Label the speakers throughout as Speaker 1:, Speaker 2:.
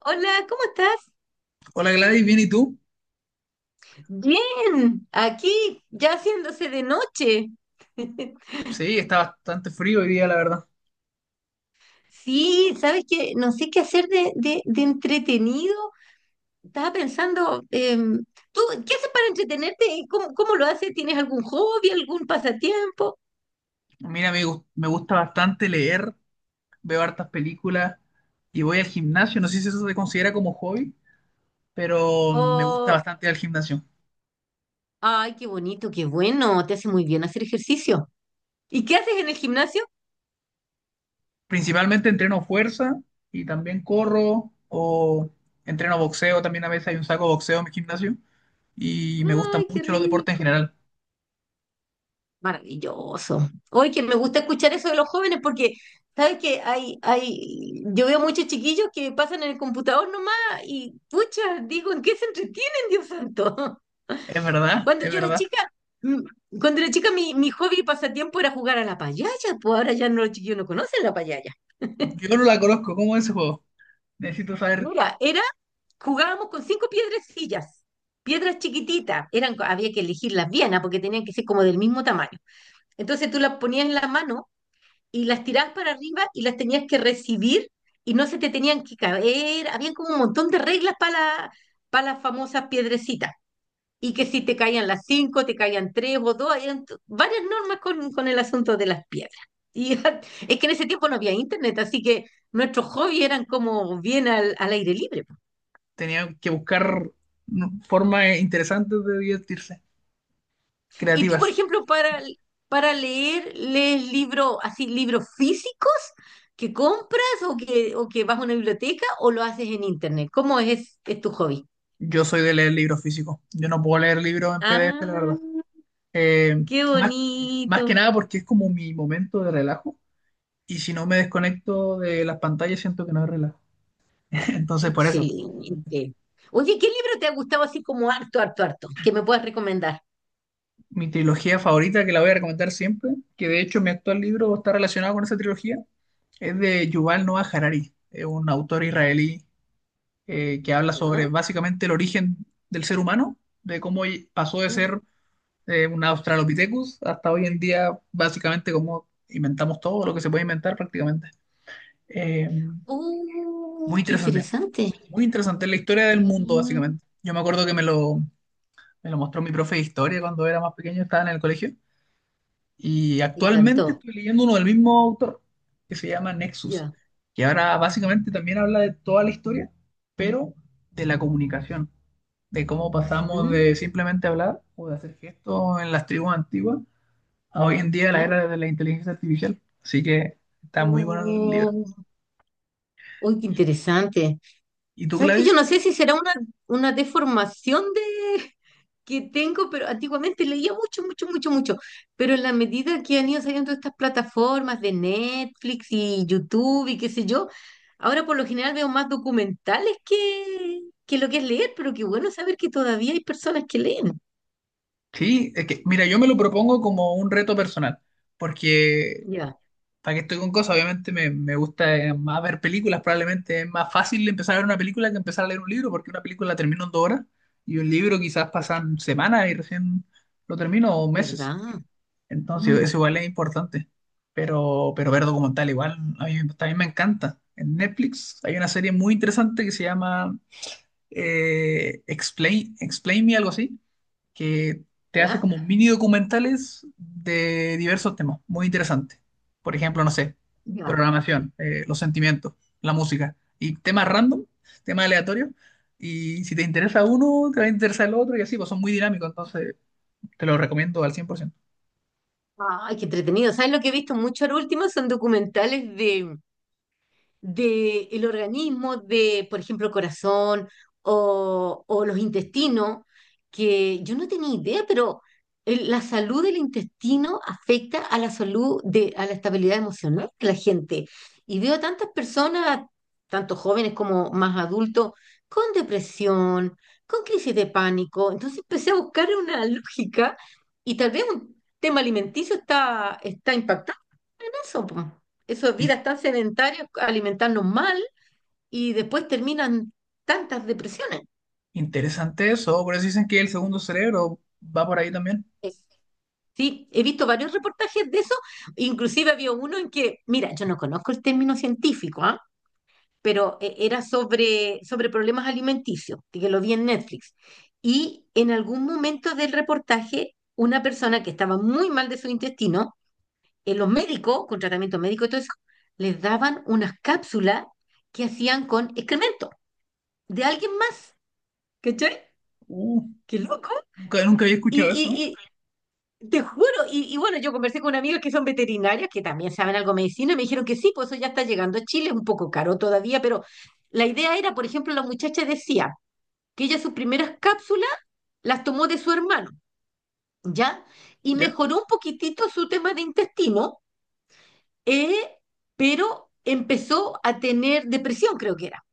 Speaker 1: Hola, ¿cómo estás?
Speaker 2: Hola Gladys, ¿bien y tú?
Speaker 1: Bien, aquí ya haciéndose de noche.
Speaker 2: Sí, está bastante frío hoy día, la verdad.
Speaker 1: Sí, sabes que no sé qué hacer de entretenido. Estaba pensando, ¿tú qué haces para entretenerte? ¿Cómo lo haces? ¿Tienes algún hobby, algún pasatiempo?
Speaker 2: Mira, me gusta bastante leer, veo hartas películas y voy al gimnasio. No sé si eso se considera como hobby, pero me gusta
Speaker 1: O,
Speaker 2: bastante ir al gimnasio.
Speaker 1: ay, qué bonito, qué bueno, te hace muy bien hacer ejercicio. ¿Y qué haces en el gimnasio?
Speaker 2: Principalmente entreno fuerza y también corro o entreno boxeo. También a veces hay un saco de boxeo en mi gimnasio y me gustan
Speaker 1: Ay, qué
Speaker 2: mucho los deportes en
Speaker 1: rico.
Speaker 2: general.
Speaker 1: Maravilloso. Hoy que me gusta escuchar eso de los jóvenes porque, ¿sabes que hay, yo veo muchos chiquillos que pasan en el computador nomás y, pucha, digo, ¿en qué se entretienen, Dios santo?
Speaker 2: Es verdad,
Speaker 1: Cuando
Speaker 2: es
Speaker 1: yo era
Speaker 2: verdad.
Speaker 1: chica, mm, cuando era chica mi hobby y pasatiempo era jugar a la payaya, pues ahora ya no los chiquillos no conocen la payaya.
Speaker 2: Yo no la conozco, ¿cómo es ese juego? Necesito saber.
Speaker 1: Mira, jugábamos con cinco piedrecillas, piedras chiquititas, eran, había que elegirlas bien, porque tenían que ser como del mismo tamaño. Entonces tú las ponías en la mano y las tirabas para arriba y las tenías que recibir y no se te tenían que caer. Habían como un montón de reglas para las famosas piedrecitas. Y que si te caían las cinco, te caían tres o dos, eran varias normas con el asunto de las piedras. Y es que en ese tiempo no había internet, así que nuestros hobbies eran como bien al aire libre.
Speaker 2: Tenía que buscar, ¿no?, formas interesantes de divertirse,
Speaker 1: Y tú, por
Speaker 2: creativas.
Speaker 1: ejemplo, para leer, lees libros así, libros físicos que compras o o que vas a una biblioteca o lo haces en internet. ¿Cómo es tu hobby?
Speaker 2: Yo soy de leer libros físicos. Yo no puedo leer libros en PDF, la verdad.
Speaker 1: Ah,
Speaker 2: Eh,
Speaker 1: qué
Speaker 2: más, más que
Speaker 1: bonito.
Speaker 2: nada porque es como mi momento de relajo. Y si no me desconecto de las pantallas, siento que no es relajo. Entonces, por eso,
Speaker 1: Excelente. Oye, ¿qué libro te ha gustado así como harto, harto, harto? Que me puedas recomendar.
Speaker 2: mi trilogía favorita, que la voy a recomendar siempre, que de hecho mi actual libro está relacionado con esa trilogía, es de Yuval Noah Harari, es un autor israelí, que habla sobre
Speaker 1: ¿Ya?
Speaker 2: básicamente el origen del ser humano, de cómo pasó de
Speaker 1: Uh,
Speaker 2: ser un Australopithecus hasta hoy en día, básicamente cómo inventamos todo lo que se puede inventar prácticamente. Eh, muy
Speaker 1: qué
Speaker 2: interesante,
Speaker 1: interesante.
Speaker 2: muy interesante la historia del mundo,
Speaker 1: Mm,
Speaker 2: básicamente. Yo me acuerdo que me lo mostró mi profe de historia cuando era más pequeño, estaba en el colegio, y
Speaker 1: me
Speaker 2: actualmente
Speaker 1: encantó.
Speaker 2: estoy leyendo uno del mismo autor, que se llama Nexus,
Speaker 1: Ya.
Speaker 2: que ahora básicamente también habla de toda la historia, pero de la comunicación, de cómo pasamos de
Speaker 1: Mm,
Speaker 2: simplemente hablar o de hacer gestos en las tribus antiguas a hoy en día la
Speaker 1: ya.
Speaker 2: era de la inteligencia artificial. Así que está muy bueno el libro.
Speaker 1: Oh, uy, qué
Speaker 2: ¿Y,
Speaker 1: interesante.
Speaker 2: y tú,
Speaker 1: ¿Sabes que yo no
Speaker 2: Gladys?
Speaker 1: sé si será una deformación que tengo, pero antiguamente leía mucho, mucho, mucho, mucho. Pero en la medida que han ido saliendo estas plataformas de Netflix y YouTube y qué sé yo, ahora por lo general veo más documentales que lo que es leer, pero qué bueno saber que todavía hay personas que leen.
Speaker 2: Sí, es que, mira, yo me lo propongo como un reto personal, porque
Speaker 1: Ya,
Speaker 2: para que estoy con cosas, obviamente me gusta más ver películas, probablemente es más fácil empezar a ver una película que empezar a leer un libro, porque una película la termino en dos horas y un libro quizás pasan semanas y recién lo termino o meses.
Speaker 1: ¿verdad?
Speaker 2: Entonces,
Speaker 1: Mm,
Speaker 2: eso igual es importante. Pero ver documental igual, a mí también me encanta. En Netflix hay una serie muy interesante que se llama Explain, Explain Me, algo así, que te hace
Speaker 1: ¿ya?
Speaker 2: como mini documentales de diversos temas, muy interesante. Por ejemplo, no sé,
Speaker 1: Ya.
Speaker 2: programación, los sentimientos, la música y temas random, temas aleatorios. Y si te interesa uno, te va a interesar el otro y así, pues son muy dinámicos, entonces te lo recomiendo al 100%.
Speaker 1: Ay, qué entretenido. ¿Sabes lo que he visto mucho ahora último? Son documentales del organismo de, por ejemplo, el corazón o los intestinos, que yo no tenía idea, pero la salud del intestino afecta a la salud a la estabilidad emocional de la gente. Y veo tantas personas, tanto jóvenes como más adultos, con depresión, con crisis de pánico. Entonces empecé a buscar una lógica y tal vez un tema alimenticio está impactando eso, po. Eso, vidas tan sedentarias, alimentarnos mal y después terminan tantas depresiones.
Speaker 2: Interesante eso, por eso dicen que el segundo cerebro va por ahí también.
Speaker 1: Es- Sí, he visto varios reportajes de eso, inclusive había uno en que, mira, yo no conozco el término científico, ¿ah? Pero era sobre problemas alimenticios, que lo vi en Netflix. Y en algún momento del reportaje, una persona que estaba muy mal de su intestino, los médicos, con tratamiento médico y todo eso, les daban unas cápsulas que hacían con excremento de alguien más, ¿cachai?
Speaker 2: Uh,
Speaker 1: Qué loco.
Speaker 2: nunca había
Speaker 1: Y,
Speaker 2: escuchado eso,
Speaker 1: y,
Speaker 2: ¿no?
Speaker 1: y te juro, y bueno, yo conversé con amigas que son veterinarias, que también saben algo de medicina, y me dijeron que sí, pues eso ya está llegando a Chile, es un poco caro todavía, pero la idea era, por ejemplo, la muchacha decía que ella sus primeras cápsulas las tomó de su hermano, ¿ya? Y
Speaker 2: Ya.
Speaker 1: mejoró un poquitito su tema de intestino, eh, pero empezó a tener depresión, creo que era.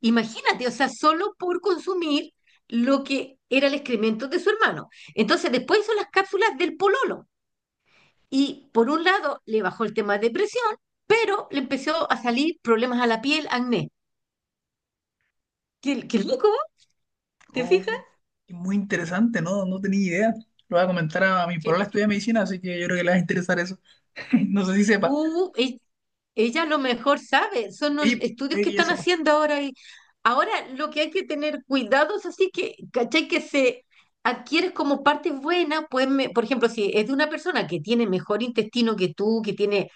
Speaker 1: Imagínate, o sea, solo por consumir lo que era el excremento de su hermano. Entonces, después hizo las cápsulas del pololo. Y por un lado, le bajó el tema de depresión, pero le empezó a salir problemas a la piel, acné. Qué loco, ¿te fijas?
Speaker 2: Oh, muy interesante, ¿no? No tenía idea. Lo voy a comentar a mi polola estudia medicina, así que yo creo que le va a interesar eso. No sé si sepa.
Speaker 1: Uh, e- ella, a lo mejor sabe, son
Speaker 2: Sí,
Speaker 1: estudios
Speaker 2: puede
Speaker 1: que
Speaker 2: que ya
Speaker 1: están
Speaker 2: sepa.
Speaker 1: haciendo ahora y ahora lo que hay que tener cuidado es así que, ¿cachai? Que se adquieres como parte buena, pues, por ejemplo, si es de una persona que tiene mejor intestino que tú, que tiene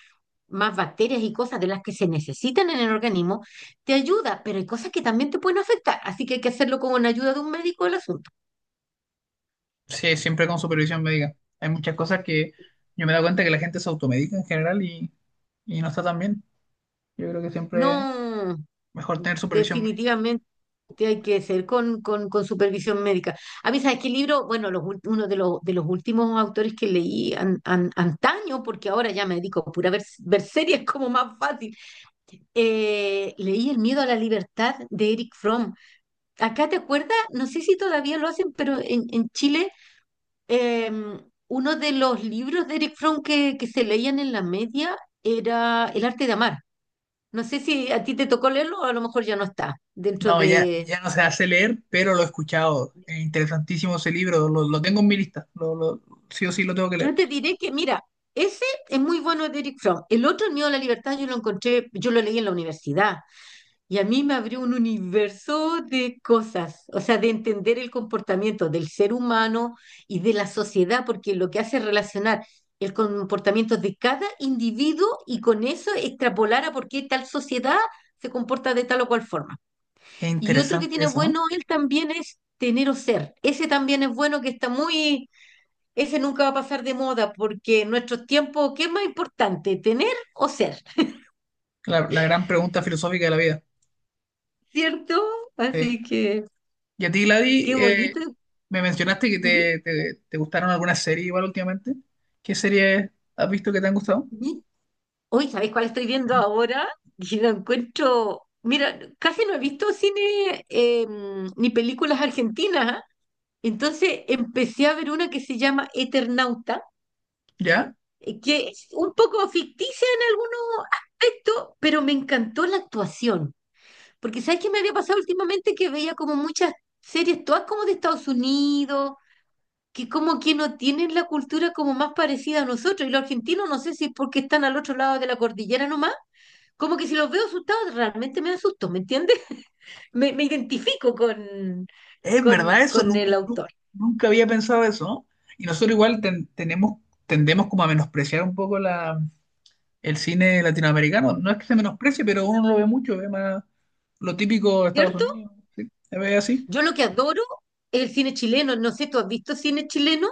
Speaker 1: más bacterias y cosas de las que se necesitan en el organismo, te ayuda, pero hay cosas que también te pueden afectar, así que hay que hacerlo con la ayuda de un médico el asunto.
Speaker 2: Sí, siempre con supervisión médica. Hay muchas cosas que yo me he dado cuenta que la gente se automedica en general y no está tan bien. Yo creo que siempre es
Speaker 1: No,
Speaker 2: mejor tener supervisión médica.
Speaker 1: definitivamente. Que hay que ser con supervisión médica. A mí, ¿sabes qué libro? Bueno, uno de los últimos autores que leí antaño, porque ahora ya me dedico a pura ver, series como más fácil. Leí El miedo a la libertad de Eric Fromm. Acá te acuerdas, no sé si todavía lo hacen, pero en Chile, em, uno de los libros de Eric Fromm que se leían en la media era El arte de amar. No sé si a ti te tocó leerlo o a lo mejor ya no está dentro.
Speaker 2: No, ya no se hace leer, pero lo he escuchado. Es interesantísimo ese libro, lo tengo en mi lista, sí o sí lo tengo que
Speaker 1: Yo
Speaker 2: leer.
Speaker 1: te diré que, mira, ese es muy bueno de Eric Fromm. El otro, El miedo a la libertad, yo lo leí en la universidad y a mí me abrió un universo de cosas, o sea, de entender el comportamiento del ser humano y de la sociedad, porque lo que hace es relacionar el comportamiento de cada individuo y con eso extrapolar a por qué tal sociedad se comporta de tal o cual forma.
Speaker 2: Qué
Speaker 1: Y otro que
Speaker 2: interesante
Speaker 1: tiene
Speaker 2: eso, ¿no?
Speaker 1: bueno él también es tener o ser. Ese también es bueno que está muy ese nunca va a pasar de moda porque en nuestros tiempos, ¿qué es más importante, tener o ser?
Speaker 2: La gran pregunta filosófica de la vida.
Speaker 1: ¿Cierto?
Speaker 2: Sí.
Speaker 1: Así que,
Speaker 2: Y a ti, Gladys,
Speaker 1: qué bonito.
Speaker 2: me mencionaste que
Speaker 1: Ujú.
Speaker 2: te gustaron algunas series igual últimamente. ¿Qué series has visto que te han gustado?
Speaker 1: Y- Hoy, ¿sabéis cuál estoy viendo ahora? Y lo encuentro, mira, casi no he visto cine ni películas argentinas. ¿Ah? Entonces empecé a ver una que se llama Eternauta,
Speaker 2: ¿Ya?
Speaker 1: que es un poco ficticia en algunos aspectos, pero me encantó la actuación. Porque ¿sabes qué me había pasado últimamente? Que veía como muchas series, todas como de Estados Unidos, que como que no tienen la cultura como más parecida a nosotros. Y los argentinos, no sé si es porque están al otro lado de la cordillera nomás, como que si los veo asustados, realmente me asusto, ¿me entiendes? Me identifico con,
Speaker 2: Es
Speaker 1: con,
Speaker 2: verdad eso,
Speaker 1: con el autor,
Speaker 2: nunca había pensado eso, ¿no? Y nosotros igual tenemos, tendemos como a menospreciar un poco la, el cine latinoamericano. No es que se menosprecie, pero uno lo ve mucho, ve más lo típico de Estados
Speaker 1: ¿cierto?
Speaker 2: Unidos, ¿sí? Se ve así.
Speaker 1: Yo lo que adoro es el cine chileno. No sé, ¿tú has visto cine chileno?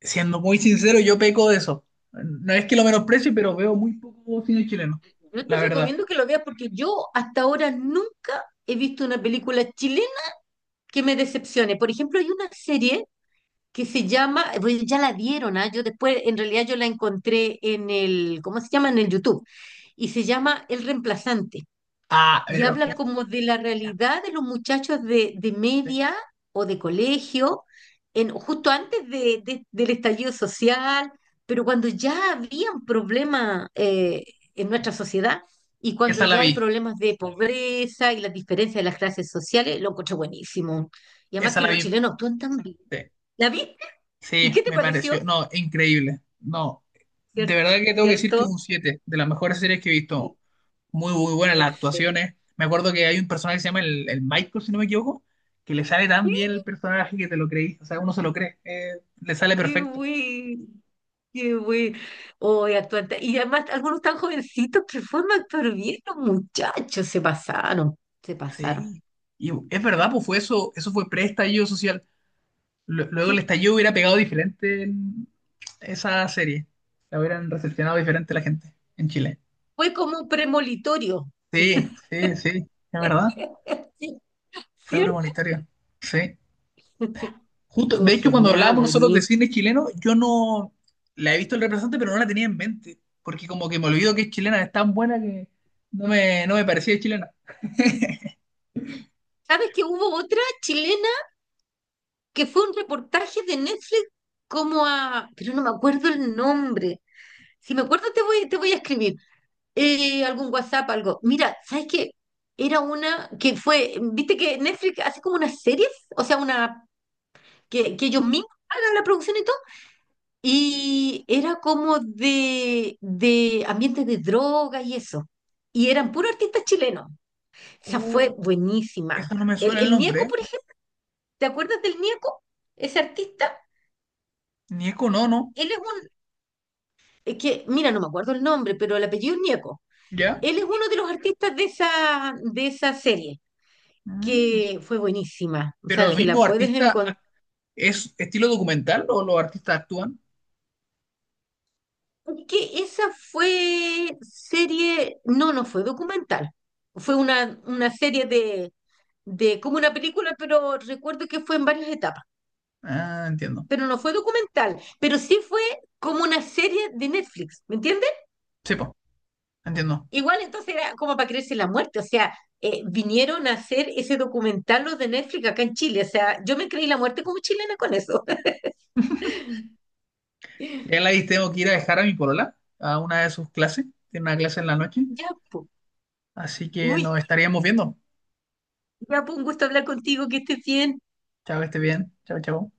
Speaker 2: Siendo muy sincero, yo peco de eso. No es que lo menosprecie, pero veo muy poco cine chileno,
Speaker 1: Yo te
Speaker 2: la verdad.
Speaker 1: recomiendo que lo veas porque yo hasta ahora nunca he visto una película chilena que me decepcione. Por ejemplo, hay una serie que se llama, pues ya la dieron, ¿ah? Yo después, en realidad yo la encontré en el, ¿cómo se llama? En el YouTube. Y se llama El Reemplazante.
Speaker 2: Ah,
Speaker 1: Y
Speaker 2: pero que
Speaker 1: habla como de la realidad de los muchachos de media o de colegio, justo antes del estallido social, pero cuando ya había un problema en nuestra sociedad y cuando
Speaker 2: esa la
Speaker 1: ya hay
Speaker 2: vi,
Speaker 1: problemas de pobreza y las diferencias de las clases sociales, lo encontré buenísimo. Y además
Speaker 2: esa
Speaker 1: que
Speaker 2: la
Speaker 1: los
Speaker 2: vi.
Speaker 1: chilenos actúan tan bien.
Speaker 2: Sí,
Speaker 1: ¿La viste? ¿Y
Speaker 2: sí,
Speaker 1: qué te
Speaker 2: me
Speaker 1: pareció?
Speaker 2: pareció, no, increíble. No, de
Speaker 1: Cier-
Speaker 2: verdad que tengo que decir que
Speaker 1: ¿Cierto?
Speaker 2: un 7 de las mejores series que he visto.
Speaker 1: Sí,
Speaker 2: Muy, muy buenas las
Speaker 1: excelente.
Speaker 2: actuaciones. Me acuerdo que hay un personaje que se llama el Michael, si no me equivoco, que le sale tan bien el personaje que te lo creí. O sea, uno se lo cree. Eh, le sale
Speaker 1: Qué
Speaker 2: perfecto.
Speaker 1: güey, qué güey. Hoy actúan. Y además, algunos tan jovencitos que forman actor bien, los muchachos se pasaron, se pasaron.
Speaker 2: Sí. Y es verdad, pues fue eso, eso fue pre-estallido social. Luego el
Speaker 1: Sí,
Speaker 2: estallido hubiera pegado diferente en esa serie. La hubieran recepcionado diferente la gente en Chile.
Speaker 1: fue como un premolitorio.
Speaker 2: Sí, sí, sí. Es verdad.
Speaker 1: Sí,
Speaker 2: Fue
Speaker 1: ¿cierto?
Speaker 2: premonitorio. Sí. Justo, de
Speaker 1: Estuvo
Speaker 2: hecho, cuando
Speaker 1: genial,
Speaker 2: hablábamos nosotros de
Speaker 1: buenísimo.
Speaker 2: cine chileno, yo no la he visto el representante, pero no la tenía en mente, porque como que me olvido que es chilena, es tan buena que no me parecía chilena.
Speaker 1: ¿Sabes que hubo otra chilena que fue un reportaje de Netflix pero no me acuerdo el nombre. Si me acuerdo te voy, a escribir. Algún WhatsApp, algo. Mira, ¿sabes qué? Era una viste que Netflix hace como unas series, o sea, una que ellos mismos hagan la producción y todo, y era como de ambientes de drogas y eso. Y eran puros artistas chilenos. Esa fue
Speaker 2: Oh, eso
Speaker 1: buenísima.
Speaker 2: no me
Speaker 1: El,
Speaker 2: suena el
Speaker 1: el
Speaker 2: nombre,
Speaker 1: Nieco,
Speaker 2: ¿eh?
Speaker 1: por ejemplo, ¿te acuerdas del Nieco? Ese artista,
Speaker 2: Nieko no, no,
Speaker 1: él es un, es que, mira, no me acuerdo el nombre, pero el apellido es Nieco.
Speaker 2: ¿ya?
Speaker 1: Él es uno de los artistas de esa serie.
Speaker 2: Mm.
Speaker 1: Que fue buenísima. O
Speaker 2: Pero
Speaker 1: sea,
Speaker 2: lo
Speaker 1: si
Speaker 2: mismo,
Speaker 1: la puedes
Speaker 2: artista,
Speaker 1: encontrar.
Speaker 2: ac-, ¿es estilo documental o los artistas actúan?
Speaker 1: Es que esa fue serie, no, no fue documental. Fue una serie de como una película, pero recuerdo que fue en varias etapas.
Speaker 2: Ah, entiendo.
Speaker 1: Pero no fue documental, pero sí fue como una serie de Netflix, ¿me entiendes?
Speaker 2: Sí, pues, entiendo.
Speaker 1: Igual entonces era como para creerse la muerte, o sea, vinieron a hacer ese documental los de Netflix acá en Chile, o sea, yo me creí la muerte como chilena con eso.
Speaker 2: Ya la vi, tengo que ir a dejar a mi polola a una de sus clases, tiene una clase en la noche,
Speaker 1: Ya, po.
Speaker 2: así que
Speaker 1: Uy,
Speaker 2: nos estaríamos viendo.
Speaker 1: ya, pues un gusto hablar contigo, que estés bien.
Speaker 2: Chao, que esté bien. Chao, chao.